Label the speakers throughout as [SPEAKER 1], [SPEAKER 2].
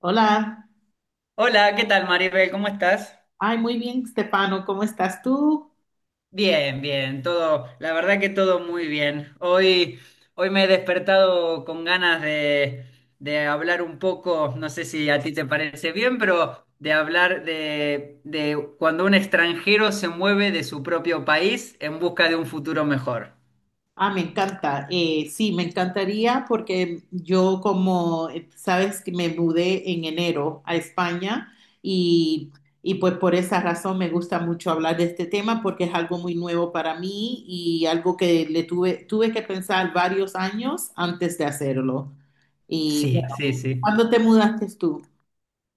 [SPEAKER 1] Hola,
[SPEAKER 2] Hola, ¿qué tal, Maribel? ¿Cómo estás?
[SPEAKER 1] ay, muy bien, Stefano, ¿cómo estás tú?
[SPEAKER 2] Bien, bien, todo, la verdad que todo muy bien. Hoy me he despertado con ganas de hablar un poco, no sé si a ti te parece bien, pero de hablar de cuando un extranjero se mueve de su propio país en busca de un futuro mejor.
[SPEAKER 1] Ah, me encanta. Sí, me encantaría porque yo como, sabes que me mudé en enero a España y, y pues por esa razón me gusta mucho hablar de este tema porque es algo muy nuevo para mí y algo que le tuve que pensar varios años antes de hacerlo. Y
[SPEAKER 2] Sí,
[SPEAKER 1] bueno,
[SPEAKER 2] sí, sí.
[SPEAKER 1] ¿cuándo te mudaste tú?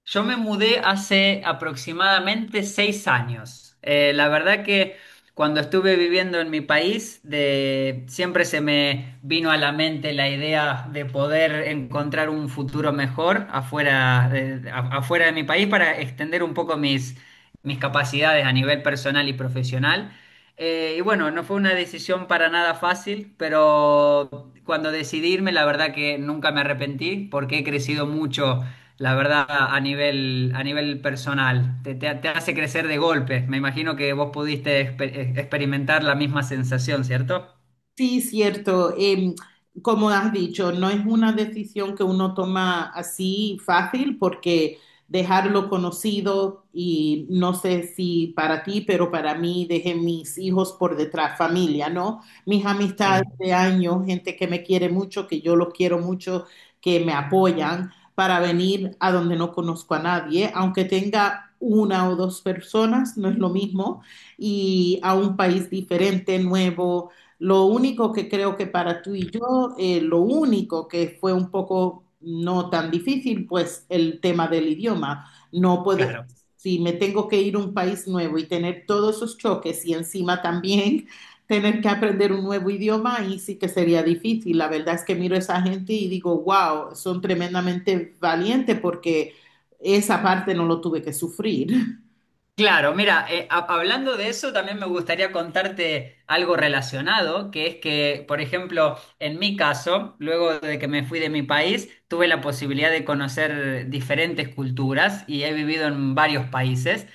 [SPEAKER 2] Yo me mudé hace aproximadamente 6 años. La verdad que cuando estuve viviendo en mi país, siempre se me vino a la mente la idea de poder encontrar un futuro mejor afuera de mi país para extender un poco mis, capacidades a nivel personal y profesional. Y bueno, no fue una decisión para nada fácil, pero cuando decidí irme, la verdad que nunca me arrepentí porque he crecido mucho la verdad, a nivel, personal, te hace crecer de golpe. Me imagino que vos pudiste experimentar la misma sensación, ¿cierto?
[SPEAKER 1] Sí, cierto. Como has dicho, no es una decisión que uno toma así fácil porque dejarlo conocido y no sé si para ti, pero para mí dejé mis hijos por detrás, familia, ¿no? Mis amistades
[SPEAKER 2] Sí,
[SPEAKER 1] de años, gente que me quiere mucho, que yo los quiero mucho, que me apoyan para venir a donde no conozco a nadie, aunque tenga una o dos personas, no es lo mismo, y a un país diferente, nuevo. Lo único que creo que para tú y yo, lo único que fue un poco no tan difícil, pues el tema del idioma. No puedo,
[SPEAKER 2] claro.
[SPEAKER 1] si me tengo que ir a un país nuevo y tener todos esos choques y encima también tener que aprender un nuevo idioma, ahí sí que sería difícil. La verdad es que miro a esa gente y digo, wow, son tremendamente valientes porque esa parte no lo tuve que sufrir.
[SPEAKER 2] Claro, mira, hablando de eso, también me gustaría contarte algo relacionado, que es que, por ejemplo, en mi caso, luego de que me fui de mi país, tuve la posibilidad de conocer diferentes culturas y he vivido en varios países,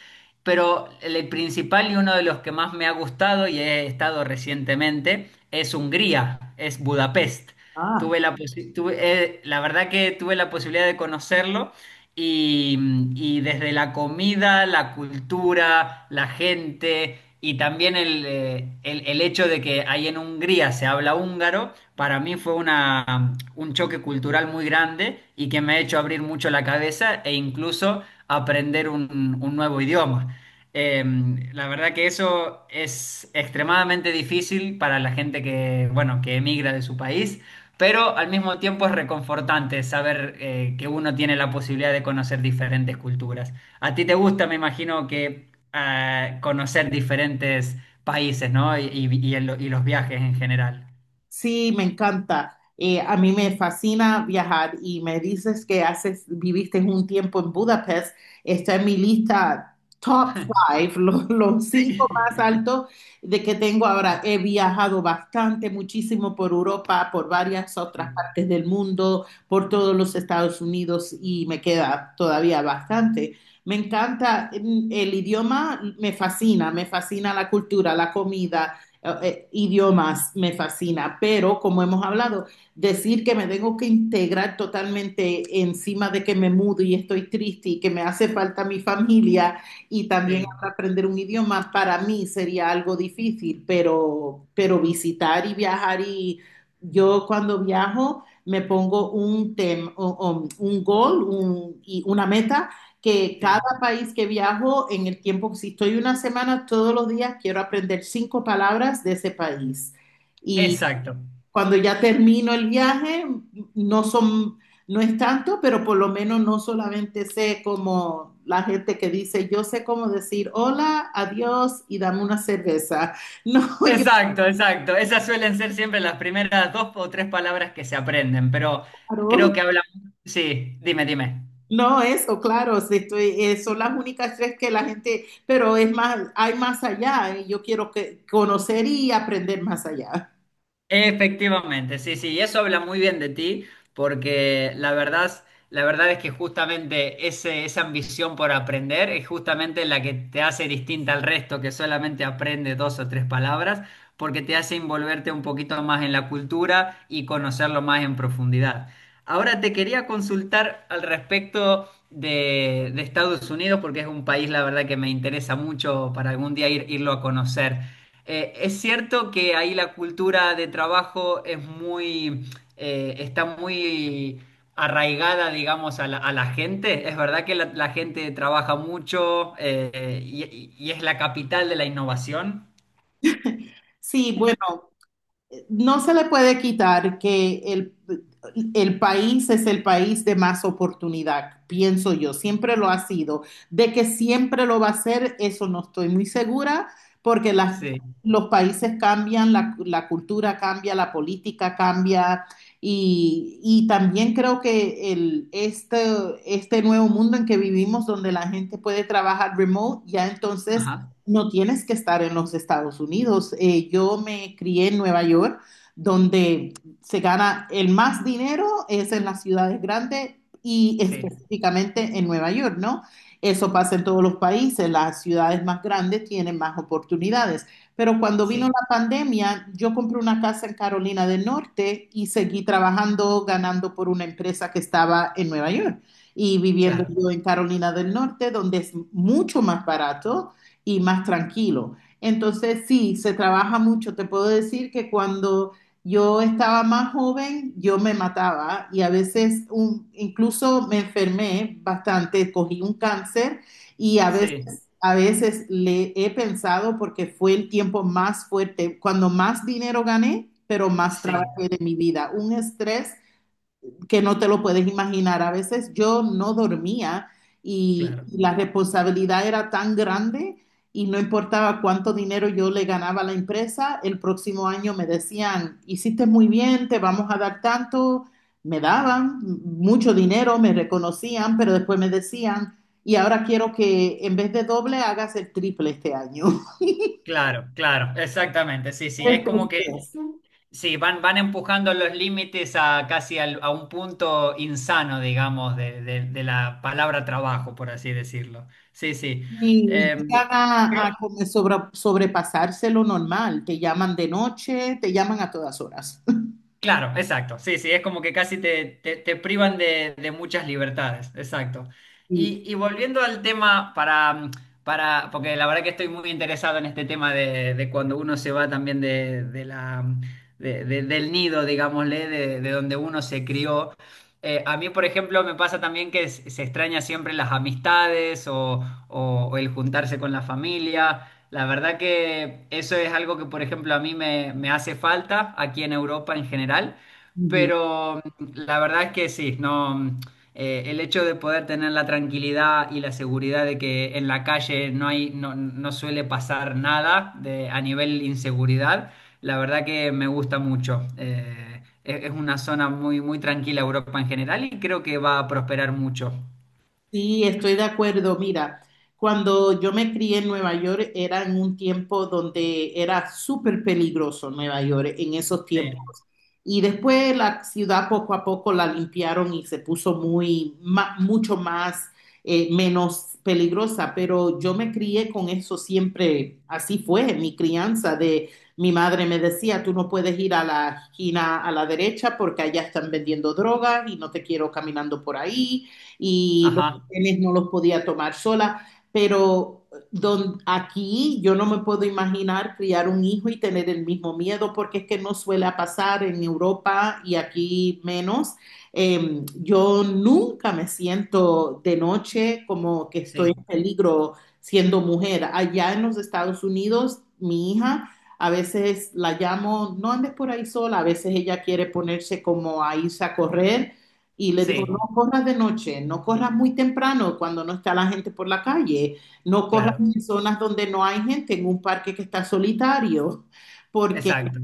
[SPEAKER 2] pero el principal y uno de los que más me ha gustado y he estado recientemente es Hungría, es Budapest.
[SPEAKER 1] Ah,
[SPEAKER 2] Tuve la, posi- tuve, la verdad que tuve la posibilidad de conocerlo. Y, y desde la comida, la cultura, la gente y también el hecho de que ahí en Hungría se habla húngaro, para mí fue un choque cultural muy grande y que me ha hecho abrir mucho la cabeza e incluso aprender un, nuevo idioma. Eh, la verdad que eso es extremadamente difícil para la gente que, bueno, que emigra de su país, pero al mismo tiempo es reconfortante saber que uno tiene la posibilidad de conocer diferentes culturas. A ti te gusta, me imagino, que conocer diferentes países, ¿no? Y los viajes en general.
[SPEAKER 1] sí, me encanta. A mí me fascina viajar y me dices que haces, viviste un tiempo en Budapest. Está en mi lista top five, los cinco
[SPEAKER 2] Sí,
[SPEAKER 1] más altos de que tengo ahora. He viajado bastante, muchísimo por Europa, por varias
[SPEAKER 2] sí,
[SPEAKER 1] otras partes del mundo, por todos los Estados Unidos y me queda todavía bastante. Me encanta, mm, el idioma me fascina la cultura, la comida. Idiomas me fascina, pero como hemos hablado, decir que me tengo que integrar totalmente encima de que me mudo y estoy triste y que me hace falta mi familia y también
[SPEAKER 2] sí,
[SPEAKER 1] aprender un idioma, para mí sería algo difícil, pero visitar y viajar y yo cuando viajo me pongo un tem, o un goal, y una meta que cada
[SPEAKER 2] sí.
[SPEAKER 1] país que viajo, en el tiempo, si estoy una semana, todos los días quiero aprender cinco palabras de ese país. Y
[SPEAKER 2] Exacto,
[SPEAKER 1] cuando ya termino el viaje, no son, no es tanto, pero por lo menos no solamente sé como la gente que dice, yo sé cómo decir hola, adiós y dame una cerveza. No,
[SPEAKER 2] exacto, exacto. Esas suelen ser siempre las primeras dos o tres palabras que se aprenden, pero
[SPEAKER 1] claro,
[SPEAKER 2] creo que hablamos. Sí, dime, dime.
[SPEAKER 1] no eso, claro, si estoy, son las únicas tres que la gente, pero es más, hay más allá, y yo quiero que, conocer y aprender más allá.
[SPEAKER 2] Efectivamente, sí, sí, y eso habla muy bien de ti, porque la verdad es que justamente esa ambición por aprender es justamente la que te hace distinta al resto, que solamente aprende dos o tres palabras, porque te hace envolverte un poquito más en la cultura y conocerlo más en profundidad. Ahora te quería consultar al respecto de Estados Unidos, porque es un país, la verdad, que me interesa mucho para algún día irlo a conocer. Es cierto que ahí la cultura de trabajo está muy arraigada, digamos, a la, gente. Es verdad que la gente trabaja mucho y es la capital de la innovación.
[SPEAKER 1] Sí, bueno, no se le puede quitar que el país es el país de más oportunidad, pienso yo, siempre lo ha sido. De que siempre lo va a ser, eso no estoy muy segura, porque
[SPEAKER 2] Sí,
[SPEAKER 1] los países cambian, la cultura cambia, la política cambia, y también creo que este nuevo mundo en que vivimos, donde la gente puede trabajar remote, ya entonces
[SPEAKER 2] ajá,
[SPEAKER 1] no tienes que estar en los Estados Unidos. Yo me crié en Nueva York, donde se gana el más dinero es en las ciudades grandes y
[SPEAKER 2] sí,
[SPEAKER 1] específicamente en Nueva York, ¿no? Eso pasa en todos los países, las ciudades más grandes tienen más oportunidades. Pero cuando vino
[SPEAKER 2] sí,
[SPEAKER 1] la pandemia, yo compré una casa en Carolina del Norte y seguí trabajando, ganando por una empresa que estaba en Nueva York y viviendo
[SPEAKER 2] claro,
[SPEAKER 1] yo en Carolina del Norte, donde es mucho más barato y más tranquilo. Entonces, sí, se trabaja mucho. Te puedo decir que cuando yo estaba más joven, yo me mataba y a veces incluso me enfermé bastante, cogí un cáncer y
[SPEAKER 2] sí,
[SPEAKER 1] a veces le he pensado porque fue el tiempo más fuerte, cuando más dinero gané, pero más
[SPEAKER 2] sí,
[SPEAKER 1] trabajé de mi vida. Un estrés que no te lo puedes imaginar. A veces yo no dormía y
[SPEAKER 2] claro,
[SPEAKER 1] la responsabilidad era tan grande y no importaba cuánto dinero yo le ganaba a la empresa, el próximo año me decían, hiciste muy bien, te vamos a dar tanto, me daban mucho dinero, me reconocían, pero después me decían, y ahora quiero que en vez de doble hagas el triple este año.
[SPEAKER 2] claro, claro, exactamente, sí, sí,
[SPEAKER 1] Ese
[SPEAKER 2] es como que.
[SPEAKER 1] estrés.
[SPEAKER 2] Sí, van, empujando los límites a casi a un punto insano, digamos, de la palabra trabajo, por así decirlo. Sí, sí.
[SPEAKER 1] Y
[SPEAKER 2] Eh,
[SPEAKER 1] llegan a como sobrepasarse lo normal. Te llaman de noche, te llaman a todas horas.
[SPEAKER 2] Claro, exacto. Sí, sí, es como que casi te privan de muchas libertades. Exacto.
[SPEAKER 1] Sí,
[SPEAKER 2] Y volviendo al tema porque la verdad que estoy muy interesado en este tema de cuando uno se va también de la, de- del nido, digámosle, de donde uno se crió. A mí, por ejemplo, me pasa también que se extraña siempre las amistades o el juntarse con la familia. La verdad que eso es algo que, por ejemplo, a mí me hace falta aquí en Europa en general,
[SPEAKER 1] ujú.
[SPEAKER 2] pero la verdad es que sí, no, el hecho de poder tener la tranquilidad y la seguridad de que en la calle no hay, no, no suele pasar nada a nivel inseguridad, la verdad que me gusta mucho. Es una zona muy, muy tranquila Europa en general y creo que va a prosperar mucho.
[SPEAKER 1] Sí, estoy de acuerdo. Mira, cuando yo me crié en Nueva York era en un tiempo donde era súper peligroso Nueva York en esos tiempos.
[SPEAKER 2] Sí,
[SPEAKER 1] Y después la ciudad poco a poco la limpiaron y se puso mucho más, menos peligrosa. Pero yo me crié con eso siempre, así fue mi crianza de mi madre me decía, tú no puedes ir a la esquina a la derecha porque allá están vendiendo drogas y no te quiero caminando por ahí. Y lo
[SPEAKER 2] ajá,
[SPEAKER 1] papeles no los podía tomar sola, pero aquí yo no me puedo imaginar criar un hijo y tener el mismo miedo, porque es que no suele pasar en Europa y aquí menos. Yo nunca me siento de noche como que estoy en
[SPEAKER 2] sí,
[SPEAKER 1] peligro siendo mujer. Allá en los Estados Unidos, mi hija... A veces la llamo, no andes por ahí sola, a veces ella quiere ponerse como a irse a correr y le digo, "No,
[SPEAKER 2] sí,
[SPEAKER 1] no corras de noche, no corras muy temprano cuando no está la gente por la calle, no corras
[SPEAKER 2] claro,
[SPEAKER 1] en zonas donde no hay gente, en un parque que está solitario, porque
[SPEAKER 2] exacto.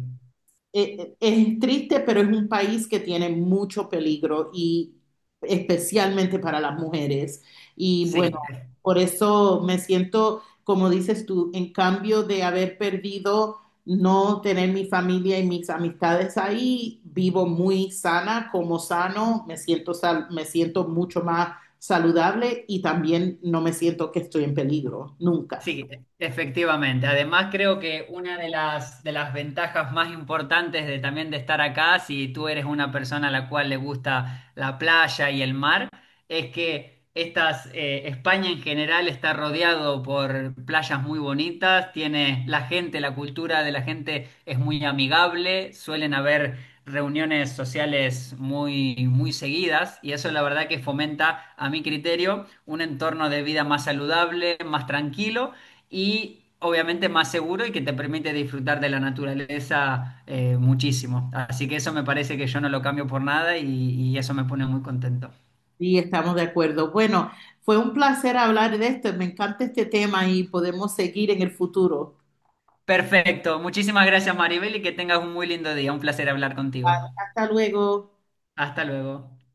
[SPEAKER 1] es triste, pero es un país que tiene mucho peligro y especialmente para las mujeres. Y bueno,
[SPEAKER 2] Sí,
[SPEAKER 1] por eso me siento, como dices tú, en cambio de haber perdido no tener mi familia y mis amistades ahí, vivo muy sana, como sano, me siento mucho más saludable y también no me siento que estoy en peligro, nunca.
[SPEAKER 2] efectivamente. Además, creo que una de las ventajas más importantes de también de estar acá, si tú eres una persona a la cual le gusta la playa y el mar, es que España en general está rodeado por playas muy bonitas, tiene la gente, la cultura de la gente es muy amigable, suelen haber reuniones sociales muy, muy seguidas y eso la verdad que fomenta, a mi criterio, un entorno de vida más saludable, más tranquilo y obviamente más seguro y que te permite disfrutar de la naturaleza muchísimo. Así que eso me parece que yo no lo cambio por nada y eso me pone muy contento.
[SPEAKER 1] Sí, estamos de acuerdo. Bueno, fue un placer hablar de esto. Me encanta este tema y podemos seguir en el futuro.
[SPEAKER 2] Perfecto. Muchísimas gracias, Maribel, y que tengas un muy lindo día. Un placer hablar contigo.
[SPEAKER 1] Hasta luego.
[SPEAKER 2] Hasta luego.